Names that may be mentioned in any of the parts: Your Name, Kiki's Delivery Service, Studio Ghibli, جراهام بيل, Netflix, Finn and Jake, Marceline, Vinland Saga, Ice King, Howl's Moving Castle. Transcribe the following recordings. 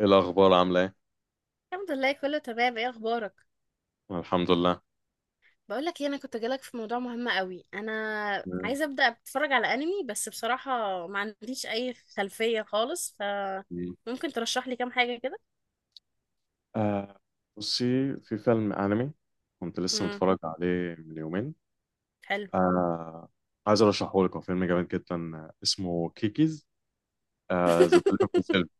ايه الاخبار، عامله ايه؟ الحمد لله، كله تمام. ايه اخبارك؟ الحمد لله، بقول لك إيه، انا كنت جالك في موضوع مهم قوي، انا تمام. عايزه ابدا اتفرج على انمي. بس بصراحه ما عنديش اي خلفيه خالص، ف ممكن ترشح لي كام حاجه كده؟ آه، بصي، في فيلم انمي كنت لسه امم. متفرج عليه من يومين. حلو. آه عايز ارشحه لك. هو فيلم جامد جدا، اسمه كيكيز ذا دليفري سيرفيس.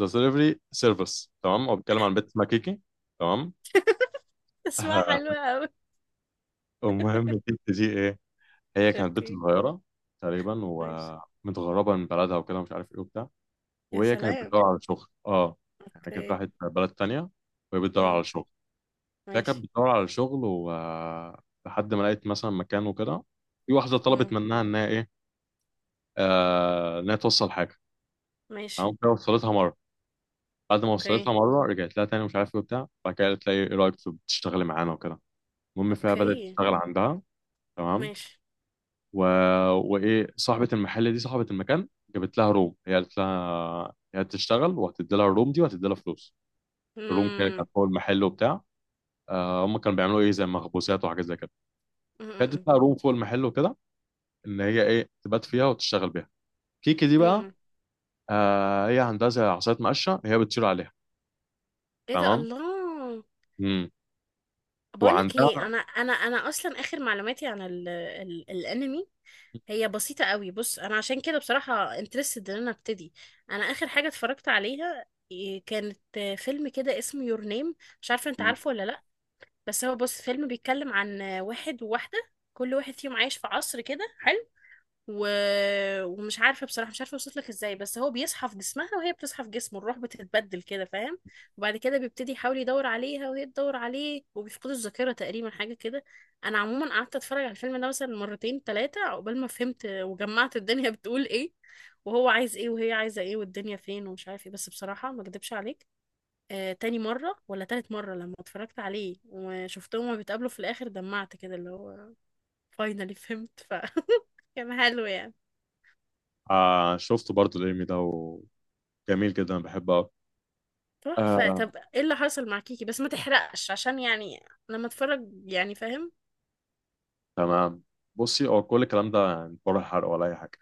تمام، هو بيتكلم عن بنت اسمها كيكي. تمام. اسمها حلوه آه، قوي. المهم كيكي دي ايه، هي كانت بنت اوكي. صغيره تقريبا، ماشي. ومتغربه من بلدها وكده، مش عارف ايه وبتاع. يا وهي كانت سلام. بتدور على شغل. اه يعني كانت اوكي. راحت بلد تانية وهي بتدور على امم. شغل. فهي كانت ماشي. بتدور على شغل، لحد ما لقيت مثلا مكان وكده، في واحدة طلبت امم. منها إنها إيه، إنها توصل حاجة. ماشي. تمام، كده وصلتها مرة. بعد ما اوكي. وصلتها مرة رجعت لها تاني مش عارف إيه وبتاع، بعد كده قالت لها إيه، إيه رأيك تشتغلي معانا وكده. المهم فيها بدأت اوكي. تشتغل عندها. تمام. ماشي. و... وإيه، صاحبة المحل دي، صاحبة المكان، جابت لها روم، هي قالت لها هي هتشتغل وهتدي لها الروم دي وهتدي لها فلوس. الروم كده كانت امم. فوق المحل وبتاع. آه، هم كانوا بيعملوا إيه، زي مخبوزات وحاجات زي كده. أمم، فادت أمم، لها روم فوق المحل وكده، ان هي ايه، تبات فيها وتشتغل بيها. كيكي دي بقى، أمم. آه، هي عندها زي عصايه مقشه هي بتطير عليها. ايه ده؟ تمام. الله. امم بقولك ايه، وعندها. انا اصلا اخر معلوماتي عن ال ال الانمي هي بسيطه قوي. بص، انا عشان كده بصراحه انترستد ان انا ابتدي. انا اخر حاجه اتفرجت عليها، إيه، كانت فيلم كده اسمه يور نيم. مش عارفه، انت عارفه ولا لا؟ بس هو، بص، فيلم بيتكلم عن واحد وواحده، كل واحد فيهم عايش في عصر كده حلو. و... ومش عارفه بصراحه، مش عارفه اوصف لك ازاي، بس هو بيصحى في جسمها وهي بتصحى في جسمه، الروح بتتبدل كده، فاهم؟ وبعد كده بيبتدي يحاول يدور عليها وهي تدور عليه، وبيفقدوا الذاكره تقريبا، حاجه كده. انا عموما قعدت اتفرج على الفيلم ده مثلا مرتين ثلاثه عقبال ما فهمت وجمعت الدنيا بتقول ايه، وهو عايز ايه وهي عايزه ايه والدنيا فين ومش عارف ايه. بس بصراحه، ما اكدبش عليك، تاني مرة ولا تالت مرة لما اتفرجت عليه وشفتهم وهما بيتقابلوا في الآخر، دمعت كده، اللي هو فاينالي فهمت، ف كان حلو يعني. آه، شفت برضو الانمي ده، وجميل جدا، أنا بحبه قوي. تحفة. آه، طب ايه اللي حصل مع كيكي؟ بس ما تحرقش، عشان يعني لما اتفرج يعني، فاهم؟ تمام، بصي هو كل الكلام ده يعني بره حرق ولا اي حاجه؟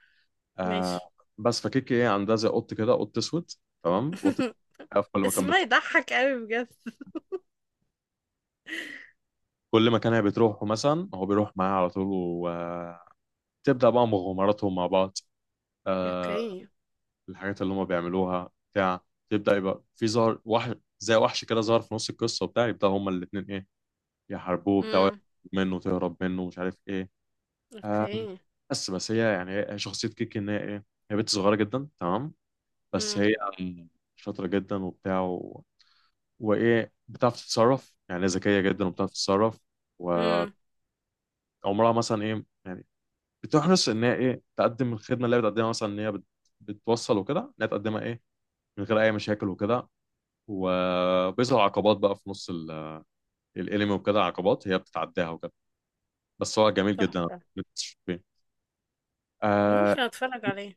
آه. ماشي. بس فكيكي ايه، عندها زي قط كده، قط اسود. تمام، قط في كل مكان اسمها بتروح. يضحك قوي بجد. كل مكان هي بتروحه مثلا هو بيروح معاها على طول، وتبدا بقى مغامراتهم مع بعض. آه، اوكي. الحاجات اللي هم بيعملوها بتاع، تبدأ يبقى في ظهر وحش، زي وحش كده، ظهر في نص القصة وبتاع، يبدأ هما الاتنين ايه، يحاربوه بتاع ويهرب امم. منه، تهرب منه مش عارف ايه. آه، اوكي. بس هي يعني، هي شخصية كيكي ان هي ايه، هي بنت صغيرة جدا. تمام. بس امم. هي شاطرة جدا وبتاع. وايه، بتعرف تتصرف، يعني ذكية جدا وبتعرف تتصرف. وعمرها امم. مثلا ايه يعني. بتحرص ان هي ايه، تقدم الخدمة اللي هي بتقدمها مثلا، ان هي بتوصل وكده، ان هي تقدمها ايه، من غير اي مشاكل وكده. وبيظهر عقبات بقى في نص الانمي وكده، عقبات هي بتتعداها وكده. بس هو جميل جدا. تحفة. آه. ممكن اتفرج عليه.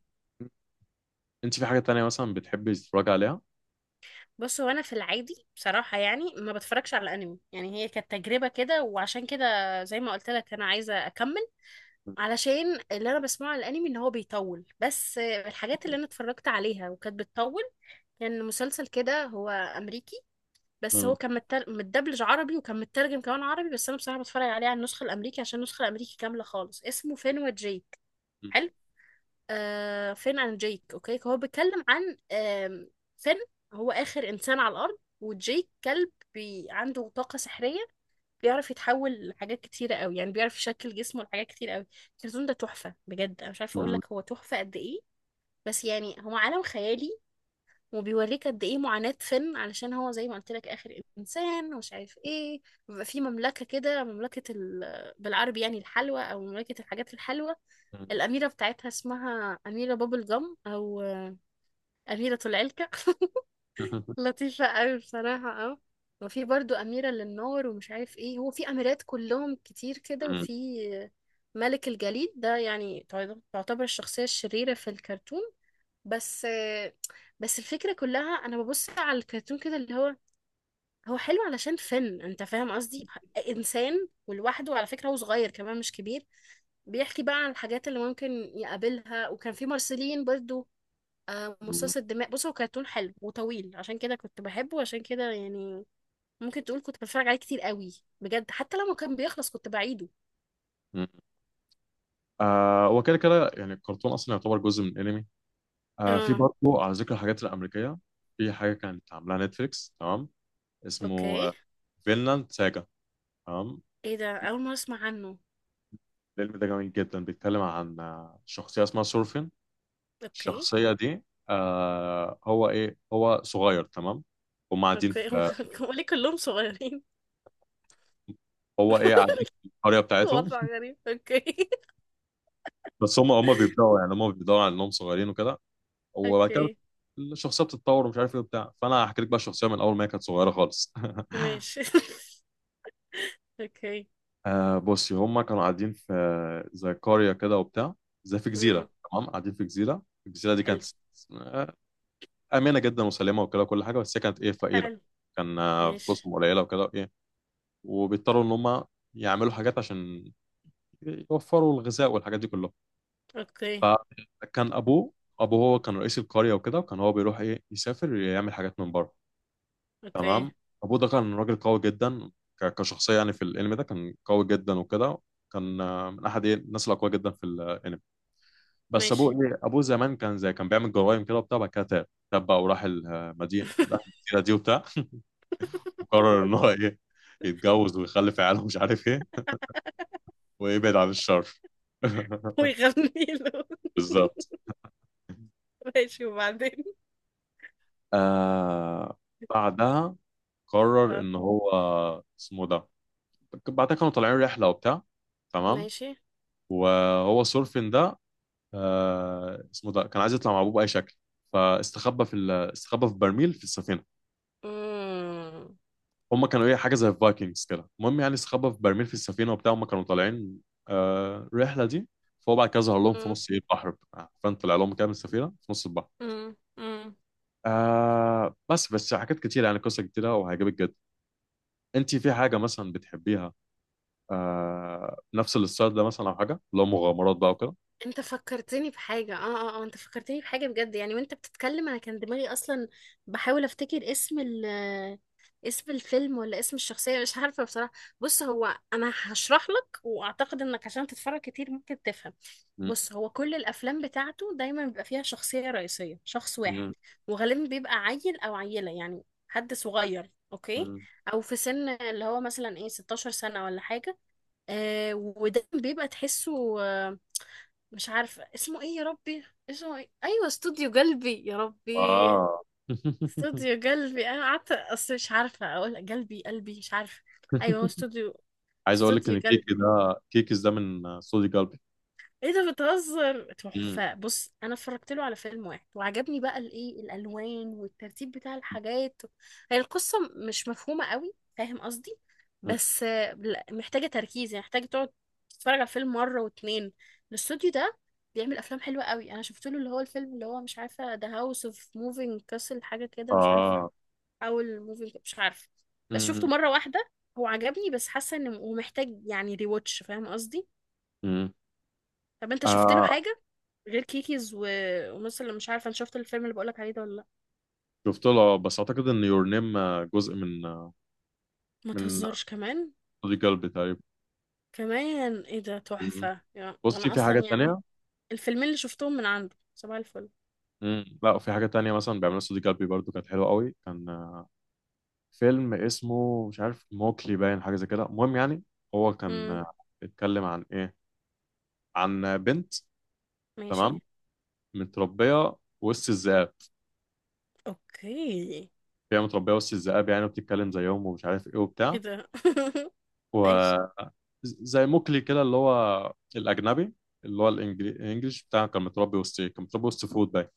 انت في حاجة تانية مثلا بتحبي تتفرجي عليها؟ بص، هو انا في العادي بصراحة يعني ما بتفرجش على انمي، يعني هي كانت تجربة كده. وعشان كده، زي ما قلت لك انا عايزة اكمل. علشان اللي انا بسمعه على الانمي ان هو بيطول، بس الحاجات اللي انا اتفرجت عليها وكانت بتطول، كان يعني مسلسل كده، هو امريكي. بس هو كان متدبلج عربي، وكان مترجم كمان عربي. بس انا بصراحه بتفرج عليه على النسخه الامريكي، عشان النسخه الامريكي كامله خالص. اسمه فين وجيك. حلو. فين اند جيك. اوكي، هو بيتكلم عن فين. هو اخر انسان على الارض، وجيك كلب عنده طاقه سحريه. بيعرف يتحول لحاجات كتيره قوي، يعني بيعرف يشكل جسمه لحاجات كتير قوي. الكرتون ده تحفه بجد، انا مش عارفه اقول لك هو تحفه قد ايه. بس يعني هو عالم خيالي، وبيوريك قد ايه معاناة فين، علشان هو زي ما قلت لك اخر انسان ومش عارف ايه. بيبقى في مملكة كده، مملكة بالعربي يعني الحلوى، او مملكة الحاجات الحلوة. الاميرة بتاعتها اسمها اميرة بابل جم، او اميرة العلكة. لطيفة قوي بصراحة، اه. وفي برضو اميرة للنار ومش عارف ايه، هو في اميرات كلهم كتير كده، وفي آه، ملك الجليد ده، يعني تعتبر الشخصية الشريرة في الكرتون. بس بس الفكرة كلها أنا ببص على الكرتون كده، اللي هو هو حلو علشان فن، أنت فاهم قصدي؟ إنسان ولوحده، على فكرة هو صغير كمان مش كبير. بيحكي بقى عن الحاجات اللي ممكن يقابلها. وكان في مارسيلين برضو، مصاص الدماء. بص، هو كرتون حلو وطويل، عشان كده كنت بحبه. عشان كده يعني ممكن تقول كنت بتفرج عليه كتير قوي، بجد، حتى لما كان بيخلص كنت بعيده. آه، وكده كده يعني الكرتون اصلا يعتبر جزء من الانمي. آه، في اه. برضه على ذكر الحاجات الامريكيه، في حاجه كانت عاملاها نتفليكس. تمام، اسمه اوكي. فينلاند ساجا. تمام. ايه ده؟ اول مرة اسمع عنه. الفيلم ده جميل جدا، بيتكلم عن شخصيه اسمها سورفين. اوكي. الشخصية دي، آه، هو ايه، هو صغير. تمام، هم قاعدين اوكي. في، هو ليه كلهم صغيرين؟ هو ايه، قاعدين في القرية بتاعتهم. وضع غريب. اوكي. بس هم بيبدأوا يعني، هم بيبدأوا على انهم صغيرين وكده. وبعد كده اوكي. الشخصية بتتطور ومش عارف ايه وبتاع. فانا هحكي لك بقى الشخصية من اول ما هي كانت صغيرة خالص. ماشي. اوكي. آه، بصي هم كانوا قاعدين في زي قرية كده وبتاع، زي في جزيرة. امم. تمام، قاعدين في جزيرة، الجزيرة دي كانت حلو. آه، آمنة جدا وسليمة وكده وكل حاجة. بس هي كانت ايه، فقيرة. حلو. كان ماشي. فلوسهم قليلة وكده، إيه، وبيضطروا ان هم يعملوا حاجات عشان يوفروا الغذاء والحاجات دي كلها. اوكي. فكان ابوه، ابوه هو كان رئيس القرية وكده، وكان هو بيروح ايه، يسافر يعمل حاجات من بره. اوكي. تمام. ابوه ده كان راجل قوي جدا، كشخصية يعني في الانمي ده كان قوي جدا وكده. كان من احد ايه الناس الاقوياء جدا في الانمي. بس ابوه ماشي. ايه، ابوه زمان كان زي، كان بيعمل جرايم كده وبتاع. بعد كده تاب، تاب بقى وراح المدينة، المدينة دي وبتاع، وقرر ان هو ايه، يتجوز ويخلف عياله ومش عارف ايه، ويبعد عن الشر. ويغني له. بالظبط. ماشي. وبعدين؟ آه، بعدها قرر اه. ان هو اسمه ده. بعدها كانوا طالعين رحله وبتاع. تمام. ماشي. وهو سورفين ده، اسمه ده كان عايز يطلع مع ابوه باي شكل، فاستخبى في ال- استخبى في برميل في السفينه. امم. هم كانوا ايه، حاجه زي الفايكنجز كده. المهم يعني استخبى في برميل في السفينه وبتاع، هم كانوا طالعين الرحله دي. فهو بعد كده ظهر لهم في امم. نص ايه، البحر. فانت طلع لهم كده من السفينه في نص البحر. امم. آه، بس حاجات كتير يعني، قصه كتيره وهيعجبك جدا. انت في حاجه مثلا بتحبيها؟ آه، نفس الستايل ده مثلا، او حاجه اللي هو مغامرات بقى وكده. انت فكرتني بحاجة بجد يعني، وانت بتتكلم انا كان دماغي اصلا بحاول افتكر اسم الفيلم ولا اسم الشخصية، مش عارفة بصراحة. بص، هو انا هشرح لك، واعتقد انك عشان تتفرج كتير ممكن تفهم. م، بص، هو كل الافلام بتاعته دايما بيبقى فيها شخصية رئيسية، شخص واحد. م، وغالبا بيبقى عيل او عيلة، يعني حد صغير، اوكي. م. او في سن اللي هو مثلا ايه 16 سنة ولا حاجة. وده بيبقى تحسه، مش عارفة اسمه ايه يا ربي. اسمه ايه؟ ايوه، استوديو قلبي، يا ربي. اه. استوديو قلبي. انا قعدت اصل مش عارفة اقول قلبي، قلبي، مش عارفة. ايوه، هو استوديو، عايز اقول لك استوديو ان كيكي قلبي. ده، كيكيز ده من صودي قلبي. ايه ده؟ بتهزر؟ م، تحفة. بص، انا اتفرجت له على فيلم واحد وعجبني بقى الايه، الالوان والترتيب بتاع الحاجات. هي القصة مش مفهومة قوي، فاهم قصدي؟ م. بس لا، محتاجة تركيز، يعني محتاجة تقعد تتفرج على الفيلم مرة واتنين. الاستوديو ده بيعمل افلام حلوة قوي. انا شفت له اللي هو الفيلم اللي هو مش عارفة، ذا هاوس اوف موفينج كاسل، حاجة كده، مش عارفة، اه. او الموفينج، مش عارفة. بس شفته م، مرة واحدة. هو عجبني، بس حاسة انه ومحتاج يعني ريواتش، فاهم قصدي؟ م. طب انت شفت له آه، حاجه غير كيكيز ونص اللي مش عارفه؟ انا شفت الفيلم اللي بقولك عليه ده ولا لا؟ شفت له، بس اعتقد ان يور نيم جزء من ما من تهزرش، كمان صودي قلبي تقريبا. كمان! ايه ده؟ م. تحفه يعني، بصي انا في اصلا حاجات يعني تانية. الفيلمين اللي شفتهم من عنده، صباح الفل. م. لا، في حاجة تانية مثلا بيعملها صودي قلبي برضو كانت حلوة قوي. كان فيلم اسمه مش عارف، موكلي باين، حاجة زي كده. المهم يعني هو كان، امم. اتكلم عن ايه، عن بنت. ماشي. تمام، متربية وسط الذئاب. اوكي. هي متربية وسط الذئاب يعني، وبتتكلم زيهم ومش عارف ايه ايه وبتاع. ده؟ ماشي. وزي موكلي كده، اللي هو الأجنبي، اللي هو الإنجليش بتاع، كان متربي وسط ايه، كان متربي وسط فود باين.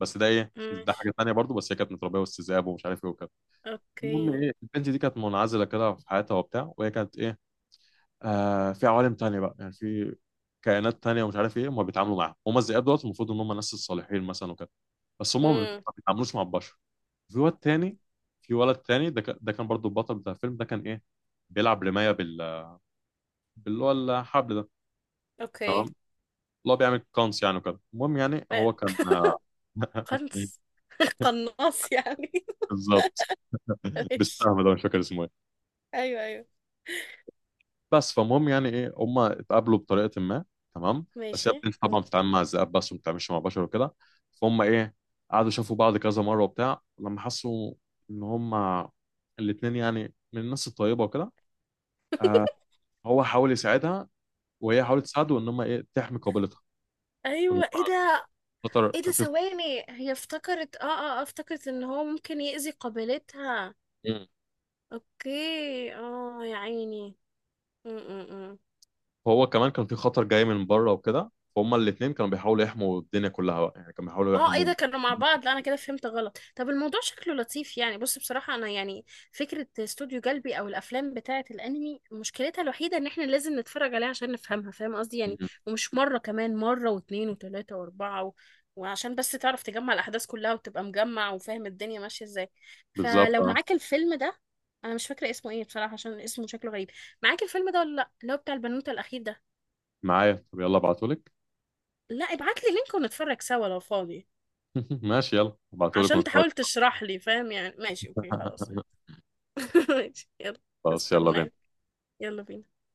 بس ده ايه، ده حاجة ماشي. تانية برضو. بس هي كانت متربية وسط ذئاب ومش عارف ايه وكده. اوكي. المهم ايه، البنت دي كانت منعزلة كده في حياتها وبتاع. وهي كانت ايه، في عوالم تانية بقى يعني، في كائنات تانية ومش عارف ايه، هم بيتعاملوا معاها. هم الذئاب دوت المفروض ان هم الناس الصالحين مثلا وكده. بس هم امم. ما بيتعاملوش مع البشر. في واد تاني، في ولد تاني، ده كان برضو البطل بتاع الفيلم ده، كان ايه، بيلعب رماية باللي هو الحبل ده. تمام، اوكي. اللي هو بيعمل كونس يعني وكده. المهم يعني هو أيوة. كان. قنص. قناص يعني. بالظبط. ماشي. بالسهم ده مش فاكر اسمه. ايوه. ايوه. بس، فالمهم يعني ايه، هم اتقابلوا بطريقه ما. تمام. بس هي ماشي. البنت طبعا مم. بتتعامل مع الذئاب بس، وما بتتعاملش مع بشر وكده. فهم ايه، قعدوا شافوا بعض كذا مره وبتاع. لما حسوا ان هم الاثنين يعني من الناس الطيبه وكده، آه، هو حاول يساعدها وهي حاولت تساعده، ان هم ايه، تحمي قابلتها. والمرة ايوه. ايه ده؟ خطر ايه ده؟ كان في. ثواني، هي افتكرت اه اه آه، افتكرت ان هو ممكن يأذي قابلتها. مم. اوكي. اه، يا عيني. م -م -م. هو كمان كان في خطر جاي من بره وكده، فهم الاثنين كانوا بيحاولوا يحموا الدنيا كلها بقى يعني، كانوا بيحاولوا اه، ايه يحموا. ده؟ كانوا مع بعض؟ لا، انا كده فهمت غلط. طب الموضوع شكله لطيف يعني. بص، بصراحة انا يعني فكرة استوديو جلبي، او الافلام بتاعة الانمي، مشكلتها الوحيدة ان احنا لازم نتفرج عليها عشان نفهمها، فاهم قصدي يعني؟ مم. ومش مرة، كمان مرة واتنين وتلاتة واربعة وعشان بس تعرف تجمع الاحداث كلها وتبقى مجمع وفاهم الدنيا ماشية ازاي. بالظبط. فلو آه. معاك الفيلم ده. انا مش فاكرة اسمه ايه بصراحة، عشان اسمه شكله غريب. معاك الفيلم ده ولا لا؟ اللي هو بتاع البنوتة الاخير ده. معايا، طب يلا ابعتهولك. لا، ابعت لي لينك ونتفرج سوا لو فاضي، ماشي، يلا ابعتهولك عشان ونتفرج. تحاول تشرح لي، فاهم يعني؟ ماشي. اوكي. خلاص. ماشي. يلا، خلاص، يلا استناك. بينا. يلا بينا.